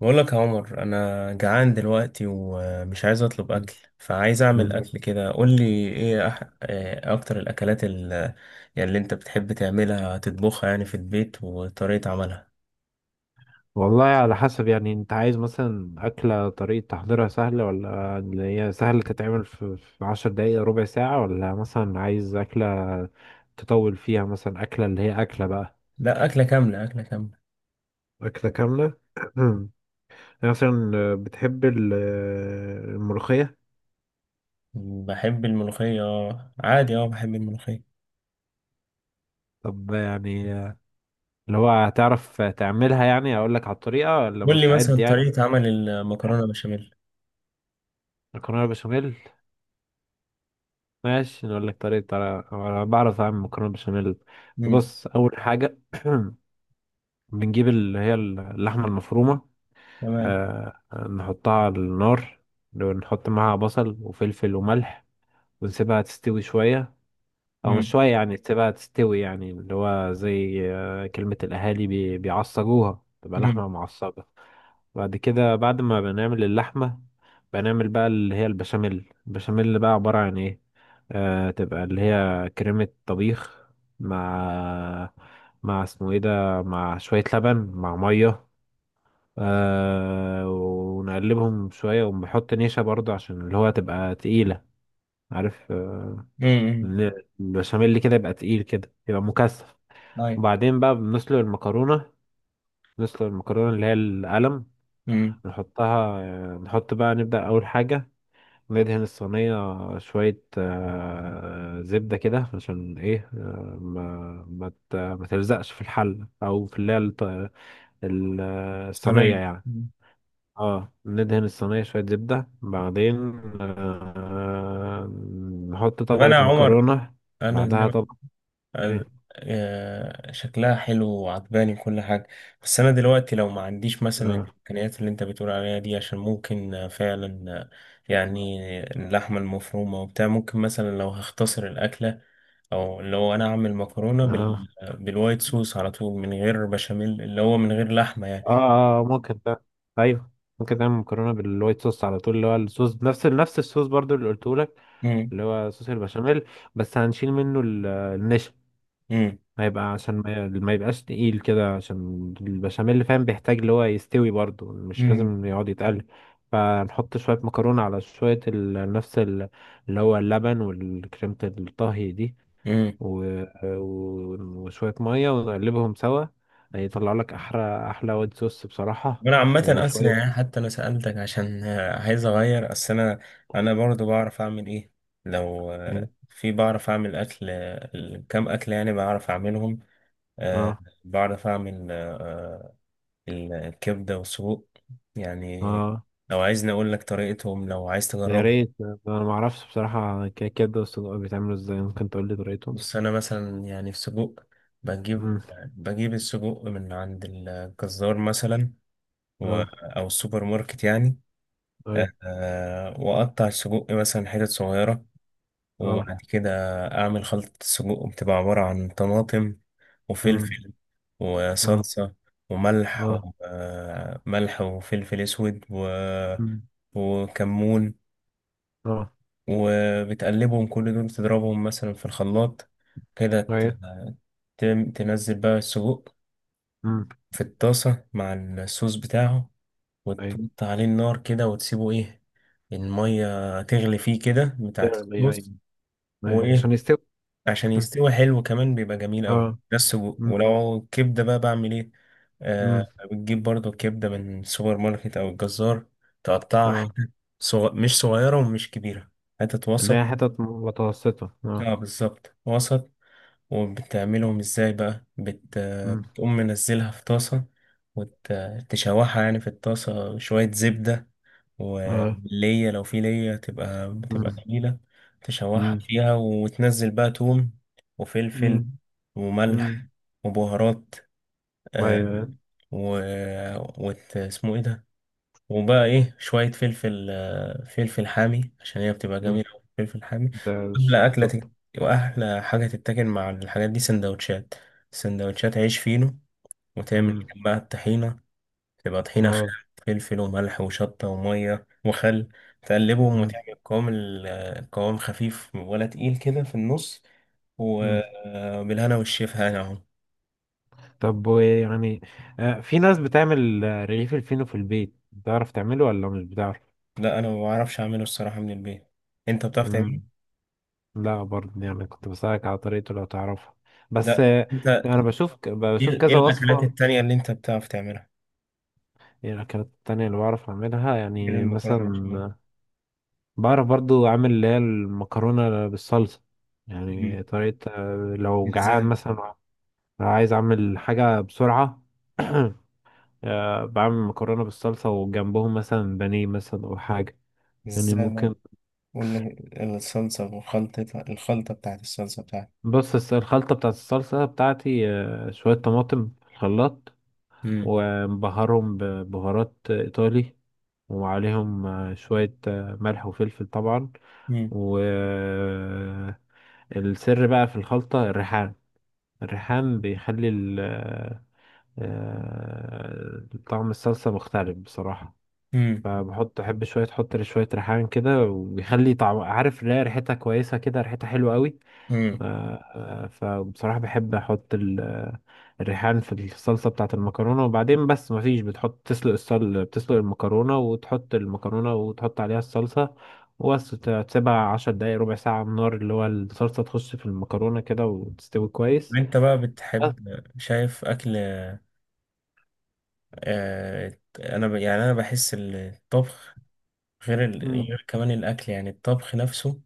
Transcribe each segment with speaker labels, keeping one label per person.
Speaker 1: بقول لك يا عمر، انا جعان دلوقتي ومش عايز اطلب اكل، فعايز اعمل
Speaker 2: مم.
Speaker 1: اكل كده. قول لي ايه، إيه اكتر الاكلات يعني اللي انت بتحب تعملها تطبخها يعني في البيت وطريقة عملها.
Speaker 2: والله على حسب، يعني انت عايز مثلا أكلة طريقة تحضيرها سهلة، ولا اللي هي سهلة تتعمل في 10 دقايق ربع ساعة، ولا مثلا عايز أكلة تطول فيها، مثلا أكلة اللي هي أكلة بقى.
Speaker 1: لا، اكلة كاملة اكلة كاملة.
Speaker 2: أكلة كاملة. يعني مثلا بتحب الملوخية.
Speaker 1: بحب الملوخية، آه، عادي، اه بحب الملوخية.
Speaker 2: طب يعني اللي هو هتعرف تعملها، يعني أقول لك على الطريقة ولا
Speaker 1: قول لي
Speaker 2: مستعد
Speaker 1: مثلا
Speaker 2: يعني.
Speaker 1: طريقة عمل المكرونة بشاميل.
Speaker 2: مكرونة بشاميل. ماشي، نقول لك طريقة، أنا بعرف أعمل مكرونة بشاميل.
Speaker 1: امم.
Speaker 2: بص، أول حاجة بنجيب اللي هي اللحمة المفرومة.
Speaker 1: تمام.
Speaker 2: آه. نحطها على النار، ونحط معاها بصل وفلفل وملح، ونسيبها تستوي شوية. أو مش
Speaker 1: امم.
Speaker 2: شوية، يعني تسيبها تستوي، يعني اللي هو زي آه كلمة الأهالي، بيعصجوها، تبقى
Speaker 1: امم.
Speaker 2: لحمة معصجة. بعد كده، بعد ما بنعمل اللحمة، بنعمل بقى اللي هي البشاميل. البشاميل اللي بقى عبارة عن ايه؟ آه، تبقى اللي هي كريمة طبيخ، مع، مع اسمه ايه ده، مع شوية لبن مع مية. آه، ونقلبهم شوية، ونحط نشا برضو عشان اللي هو تبقى تقيلة. عارف؟ آه.
Speaker 1: امم. امم.
Speaker 2: البشاميل اللي كده يبقى تقيل كده، يبقى مكثف.
Speaker 1: أيوة.
Speaker 2: وبعدين بقى بنسلق المكرونة، نسلق المكرونة اللي هي القلم.
Speaker 1: امم.
Speaker 2: نحطها. نحط بقى، نبدأ أول حاجة، ندهن الصينية شوية زبدة، كده عشان إيه ما تلزقش في الحل، أو في اللي هي ال- الصينية
Speaker 1: صينية.
Speaker 2: يعني.
Speaker 1: مم.
Speaker 2: اه، ندهن الصينية شوية زبدة، بعدين آه، نحط
Speaker 1: طب انا يا
Speaker 2: طبقة
Speaker 1: عمر،
Speaker 2: مكرونة،
Speaker 1: انا زي
Speaker 2: بعدها طبقة.
Speaker 1: ما
Speaker 2: إيه.
Speaker 1: شكلها حلو وعجباني كل حاجة. بس أنا دلوقتي لو ما عنديش مثلا
Speaker 2: اه،
Speaker 1: الإمكانيات اللي أنت بتقول عليها دي، عشان ممكن فعلا يعني اللحمة المفرومة وبتاع، ممكن مثلا لو هختصر الأكلة، أو لو أنا أعمل مكرونة
Speaker 2: اه،
Speaker 1: بالوايت صوص على طول من غير بشاميل اللي هو من غير لحمة يعني.
Speaker 2: اه. ممكن ده. أيوه، ممكن تعمل مكرونة بالوايت صوص على طول، اللي هو الصوص نفس الصوص برضو اللي قلته،
Speaker 1: مم.
Speaker 2: اللي هو صوص البشاميل، بس هنشيل منه النشا.
Speaker 1: مم.
Speaker 2: هيبقى، عشان ما يبقاش تقيل كده، عشان البشاميل اللي فاهم بيحتاج اللي هو يستوي برضه، مش
Speaker 1: امم.
Speaker 2: لازم يقعد يتقل. فنحط شوية مكرونة على شوية نفس اللي هو اللبن والكريمة الطهي دي
Speaker 1: مم.
Speaker 2: و... وشوية مية، ونقلبهم سوا. هيطلع لك أحلى أحلى وايت صوص بصراحة.
Speaker 1: وانا عامة اصلا،
Speaker 2: وشوية.
Speaker 1: يعني حتى انا سألتك عشان عايز اغير. اصل انا برضو بعرف اعمل ايه. لو في بعرف اعمل اكل، كام اكل يعني بعرف اعملهم. آه،
Speaker 2: اه،
Speaker 1: بعرف اعمل الكبدة والسجق يعني.
Speaker 2: اه.
Speaker 1: لو عايزني اقول لك طريقتهم، لو عايز
Speaker 2: يا
Speaker 1: تجربهم.
Speaker 2: ريت، انا ما اعرفش بصراحه الكيكات ده والسجق بيتعملوا ازاي، ممكن تقول لي طريقتهم.
Speaker 1: بص، انا مثلا يعني في سجق، بجيب
Speaker 2: امم،
Speaker 1: بجيب السجق من عند الجزار مثلا، و-
Speaker 2: اه،
Speaker 1: او السوبر ماركت يعني.
Speaker 2: اي،
Speaker 1: وأقطع السجق مثلا حتت صغيرة، وبعد
Speaker 2: اه،
Speaker 1: كده أعمل خلطة السجق، بتبقى عبارة عن طماطم
Speaker 2: امم،
Speaker 1: وفلفل
Speaker 2: اه،
Speaker 1: وصلصة وملح
Speaker 2: اه،
Speaker 1: وملح وفلفل أسود
Speaker 2: امم،
Speaker 1: وكمون.
Speaker 2: اه،
Speaker 1: وبتقلبهم، كل دول تضربهم مثلا في الخلاط كده،
Speaker 2: اي،
Speaker 1: تنزل بقى السجق
Speaker 2: امم،
Speaker 1: في الطاسة مع الصوص بتاعه،
Speaker 2: اي،
Speaker 1: وتحط عليه النار كده وتسيبه، إيه، المية تغلي فيه كده بتاعت
Speaker 2: تغلي، اي،
Speaker 1: الصوص.
Speaker 2: اي عشان
Speaker 1: وايه؟
Speaker 2: يستوي.
Speaker 1: عشان يستوي حلو. كمان بيبقى جميل قوي.
Speaker 2: اه.
Speaker 1: بس
Speaker 2: امم،
Speaker 1: ولو كبده بقى، بعمل ايه؟ آه.
Speaker 2: امم،
Speaker 1: بتجيب برضو كبده من السوبر ماركت او الجزار، تقطعها
Speaker 2: اه.
Speaker 1: حتت، مش صغيره ومش كبيره، حتت
Speaker 2: اللي هي
Speaker 1: وسط.
Speaker 2: حتت متوسطه، اه.
Speaker 1: اه بالظبط وسط. وبتعملهم ازاي بقى؟
Speaker 2: امم،
Speaker 1: بتقوم منزلها في طاسه، وتشوحها يعني في الطاسه شويه زبده.
Speaker 2: اه،
Speaker 1: وليا، لو في ليا بتبقى
Speaker 2: امم،
Speaker 1: جميلة، تشوحها
Speaker 2: امم،
Speaker 1: فيها، وتنزل بقى توم وفلفل
Speaker 2: امم، امم،
Speaker 1: وملح وبهارات.
Speaker 2: ايوه،
Speaker 1: آه
Speaker 2: أيوة.
Speaker 1: و... اسمه ايه ده، وبقى ايه، شوية فلفل حامي عشان هي بتبقى
Speaker 2: أمم.
Speaker 1: جميلة أوي، فلفل حامي.
Speaker 2: ده
Speaker 1: وأحلى أكلة
Speaker 2: الشطه.
Speaker 1: تت... وأحلى حاجة تتاكل مع الحاجات دي سندوتشات، سندوتشات عيش فينو. وتعمل
Speaker 2: امم،
Speaker 1: جنبها الطحينة، تبقى طحينة
Speaker 2: اه،
Speaker 1: خام، فلفل وملح وشطة ومية وخل، تقلبهم وتعمل قوام، القوام خفيف ولا تقيل كده في النص.
Speaker 2: امم.
Speaker 1: وبالهنا والشفا يعني اهو.
Speaker 2: طب ويعني في ناس بتعمل رغيف الفينو في البيت، بتعرف تعمله ولا مش بتعرف؟
Speaker 1: لا، انا ما بعرفش اعمله الصراحة من البيت. انت بتعرف تعمله؟
Speaker 2: مم، لا برضه، يعني كنت بسألك على طريقته لو تعرفها، بس
Speaker 1: لا، انت
Speaker 2: انا بشوف بشوف
Speaker 1: إيه
Speaker 2: كذا
Speaker 1: الاكلات
Speaker 2: وصفة.
Speaker 1: التانية اللي انت بتعرف تعملها،
Speaker 2: يعني الأكلات التانية اللي بعرف أعملها،
Speaker 1: غير
Speaker 2: يعني
Speaker 1: المكرونة
Speaker 2: مثلا
Speaker 1: والبشاميل؟
Speaker 2: بعرف برضو أعمل اللي هي المكرونة بالصلصة.
Speaker 1: مم.
Speaker 2: يعني طريقة لو جعان
Speaker 1: ازاي؟
Speaker 2: مثلا، عايز أعمل حاجة بسرعة. بعمل مكرونة بالصلصة وجنبهم مثلا بانيه مثلا أو حاجة، يعني
Speaker 1: ازاي بقى؟
Speaker 2: ممكن.
Speaker 1: قول لي، الصلصة وخلطتها، الخلطة بتاعت الصلصة بتاعتها.
Speaker 2: بص، الخلطة بتاعت الصلصة بتاعتي شوية طماطم في الخلاط،
Speaker 1: مم.
Speaker 2: ومبهرهم ببهارات إيطالي، وعليهم شوية ملح وفلفل طبعا.
Speaker 1: مم.
Speaker 2: والسر بقى في الخلطة الريحان. الريحان بيخلي طعم الصلصة مختلف بصراحة. فبحط، أحب شوية، أحط شوية ريحان كده، وبيخلي طعم، عارف، لا ريحتها كويسة كده، ريحتها حلوة قوي.
Speaker 1: مم.
Speaker 2: فبصراحة بحب أحط الريحان في الصلصة بتاعة المكرونة. وبعدين بس مفيش، بتحط، تسلق الصل، بتسلق المكرونة، وتحط المكرونة، وتحط عليها الصلصة، وبس تسيبها 10 دقايق ربع ساعة على النار، اللي هو الصلصة تخش في المكرونة كده، وتستوي كويس.
Speaker 1: انت بقى
Speaker 2: بس.
Speaker 1: بتحب، شايف اكل، انا يعني انا بحس الطبخ، غير ال...
Speaker 2: مم.
Speaker 1: غير كمان الاكل، يعني الطبخ نفسه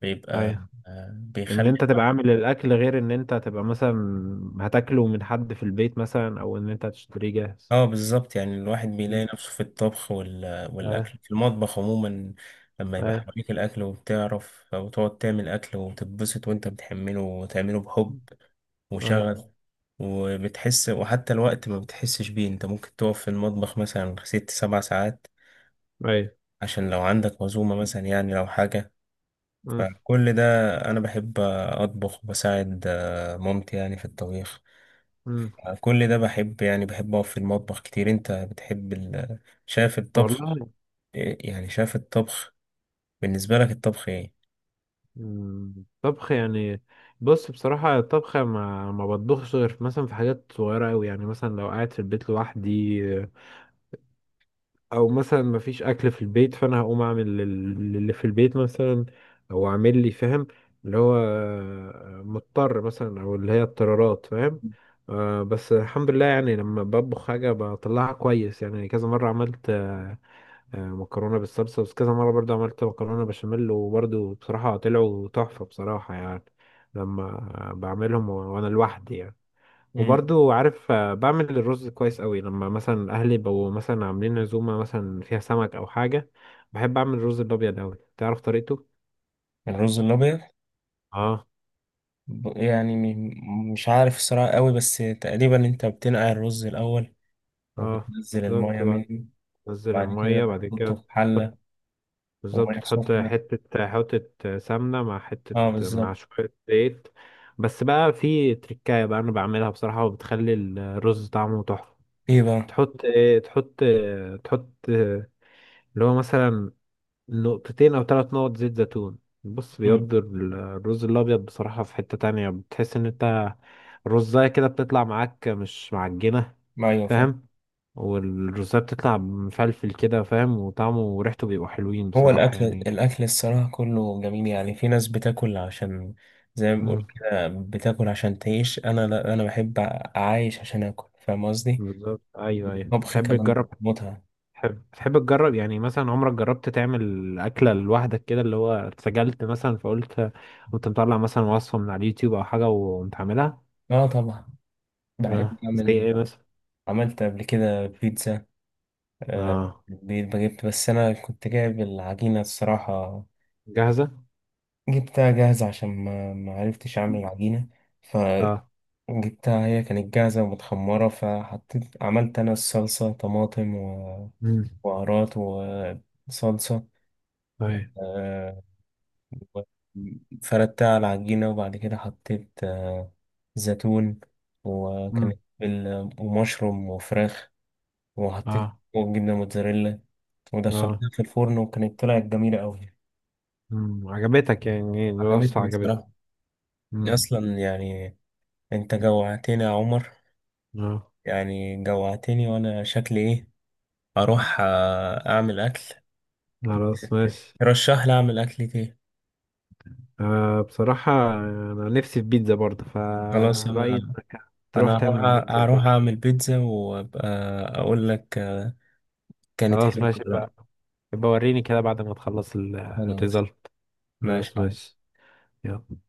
Speaker 1: بيبقى،
Speaker 2: أيوة. إن
Speaker 1: بيخلي.
Speaker 2: أنت تبقى عامل الأكل، غير إن أنت تبقى مثلا هتاكله من حد في البيت مثلا، أو إن أنت هتشتريه جاهز.
Speaker 1: اه بالظبط، يعني الواحد بيلاقي
Speaker 2: مم.
Speaker 1: نفسه في الطبخ والاكل
Speaker 2: أيوة.
Speaker 1: في المطبخ عموما. لما يبقى
Speaker 2: أيوة.
Speaker 1: حواليك الاكل وبتعرف، او تقعد تعمل اكل وتتبسط وانت بتحمله وتعمله بحب
Speaker 2: أيوة.
Speaker 1: وشغف، وبتحس، وحتى الوقت ما بتحسش بيه، انت ممكن تقف في المطبخ مثلا 6 7 ساعات،
Speaker 2: أيوة.
Speaker 1: عشان لو عندك عزومة مثلا يعني لو حاجة.
Speaker 2: مم.
Speaker 1: فكل ده، أنا بحب أطبخ وبساعد مامتي يعني في الطبيخ.
Speaker 2: مم.
Speaker 1: كل ده بحب، يعني بحب أقف في المطبخ كتير. أنت بتحب شايف الطبخ،
Speaker 2: والله،
Speaker 1: يعني شايف الطبخ بالنسبة لك الطبخ إيه؟
Speaker 2: مم، طبخ يعني. بص، بصراحة الطبخ ما بطبخش غير مثلا في حاجات صغيرة أوي، يعني مثلا لو قاعد في البيت لوحدي، أو مثلا ما فيش أكل في البيت، فأنا هقوم أعمل اللي في البيت مثلا، أو أعمل لي، فاهم، اللي هو مضطر مثلا، أو اللي هي اضطرارات فاهم. بس الحمد لله يعني، لما بطبخ حاجة بطلعها كويس يعني. كذا مرة عملت مكرونه بالصلصه، بس كذا مره برضو عملت مكرونه بشاميل، وبرضو بصراحه طلعوا تحفه بصراحه، يعني لما وانا لوحدي يعني.
Speaker 1: مم.
Speaker 2: وبرضو عارف بعمل الرز كويس قوي، لما مثلا اهلي بقوا مثلا عاملين عزومه مثلا فيها سمك او حاجه، بحب اعمل الرز الابيض قوي. تعرف طريقته؟
Speaker 1: الرز الأبيض.
Speaker 2: اه،
Speaker 1: يعني مش عارف الصراحة قوي، بس تقريبا أنت بتنقع الرز الأول
Speaker 2: اه،
Speaker 1: وبتنزل المية
Speaker 2: بالظبط بقى.
Speaker 1: منه،
Speaker 2: تنزل
Speaker 1: بعد كده
Speaker 2: الميه، بعد
Speaker 1: بتحطه
Speaker 2: كده
Speaker 1: في حلة،
Speaker 2: بالظبط،
Speaker 1: ومية
Speaker 2: تحط
Speaker 1: سخنة.
Speaker 2: حتة، حتة سمنة، مع حتة،
Speaker 1: اه بالظبط.
Speaker 2: مع شوية زيت. بس بقى في تركاية بقى أنا بعملها بصراحة، وبتخلي الرز طعمه تحفة.
Speaker 1: ايه بقى؟
Speaker 2: تحط إيه؟ تحط اللي هو مثلا نقطتين أو 3 نقط زيت زيتون. بص،
Speaker 1: مم.
Speaker 2: بيودي الرز الأبيض بصراحة في حتة تانية، بتحس إن أنت الرزاية كده بتطلع معاك مش معجنة،
Speaker 1: ايوه فاهم.
Speaker 2: فاهم. والرزاية بتطلع مفلفل كده فاهم، وطعمه وريحته بيبقوا حلوين
Speaker 1: هو
Speaker 2: بصراحة
Speaker 1: الأكل
Speaker 2: يعني.
Speaker 1: الأكل الصراحة كله جميل. يعني في ناس بتاكل عشان، زي ما بقول كده، بتاكل عشان تعيش. أنا لا، أنا بحب أعايش عشان آكل، فاهم قصدي؟
Speaker 2: بالظبط. ايوه، ايوه.
Speaker 1: الطبخ
Speaker 2: تحب
Speaker 1: كمان
Speaker 2: تجرب؟
Speaker 1: متعة.
Speaker 2: تحب تجرب، يعني مثلا عمرك جربت تعمل اكله لوحدك كده، اللي هو اتسجلت مثلا، فقلت كنت مطلع مثلا وصفه من على اليوتيوب او حاجه وقمت عاملها.
Speaker 1: آه، طبعا
Speaker 2: اه،
Speaker 1: بحب
Speaker 2: زي
Speaker 1: أعمل.
Speaker 2: ايه مثلا؟
Speaker 1: عملت قبل كده بيتزا
Speaker 2: اه،
Speaker 1: في البيت، بجبت، بس أنا كنت جايب العجينة الصراحة.
Speaker 2: جاهزه.
Speaker 1: جبتها جاهزة عشان ما عرفتش أعمل العجينة، فجبتها،
Speaker 2: اه،
Speaker 1: هي كانت جاهزة ومتخمرة، فحطيت عملت أنا الصلصة، طماطم،
Speaker 2: امم،
Speaker 1: بهارات وصلصة،
Speaker 2: طيب،
Speaker 1: آه، وفردتها على العجينة. وبعد كده حطيت زيتون. وكانت
Speaker 2: امم،
Speaker 1: ومشروم وفراخ، وحطيت
Speaker 2: اه،
Speaker 1: جبنة موتزاريلا
Speaker 2: اه،
Speaker 1: ودخلتها في الفرن، وكانت طلعت جميلة أوي.
Speaker 2: امم، عجبتك يعني، الوصفه
Speaker 1: عجبتني
Speaker 2: عجبتك.
Speaker 1: بصراحة،
Speaker 2: امم،
Speaker 1: أصلا يعني. أنت جوعتني يا عمر،
Speaker 2: اه،
Speaker 1: يعني جوعتني، وأنا شكلي إيه، أروح أعمل أكل.
Speaker 2: خلاص ماشي.
Speaker 1: رشح لي أعمل أكلة إيه؟
Speaker 2: آه بصراحه انا نفسي في بيتزا برضه،
Speaker 1: خلاص،
Speaker 2: فرأيي
Speaker 1: أنا
Speaker 2: انك تروح
Speaker 1: انا هروح
Speaker 2: تعمل بيتزا
Speaker 1: هروح
Speaker 2: كده.
Speaker 1: اعمل بيتزا، وابقى اقول لك كانت
Speaker 2: خلاص
Speaker 1: حلوة
Speaker 2: ماشي
Speaker 1: ولا
Speaker 2: بقى،
Speaker 1: لا.
Speaker 2: يبقى وريني كده بعد ما تخلص
Speaker 1: خلاص
Speaker 2: الريزلت. خلاص
Speaker 1: ماشي.
Speaker 2: ماشي. يلا.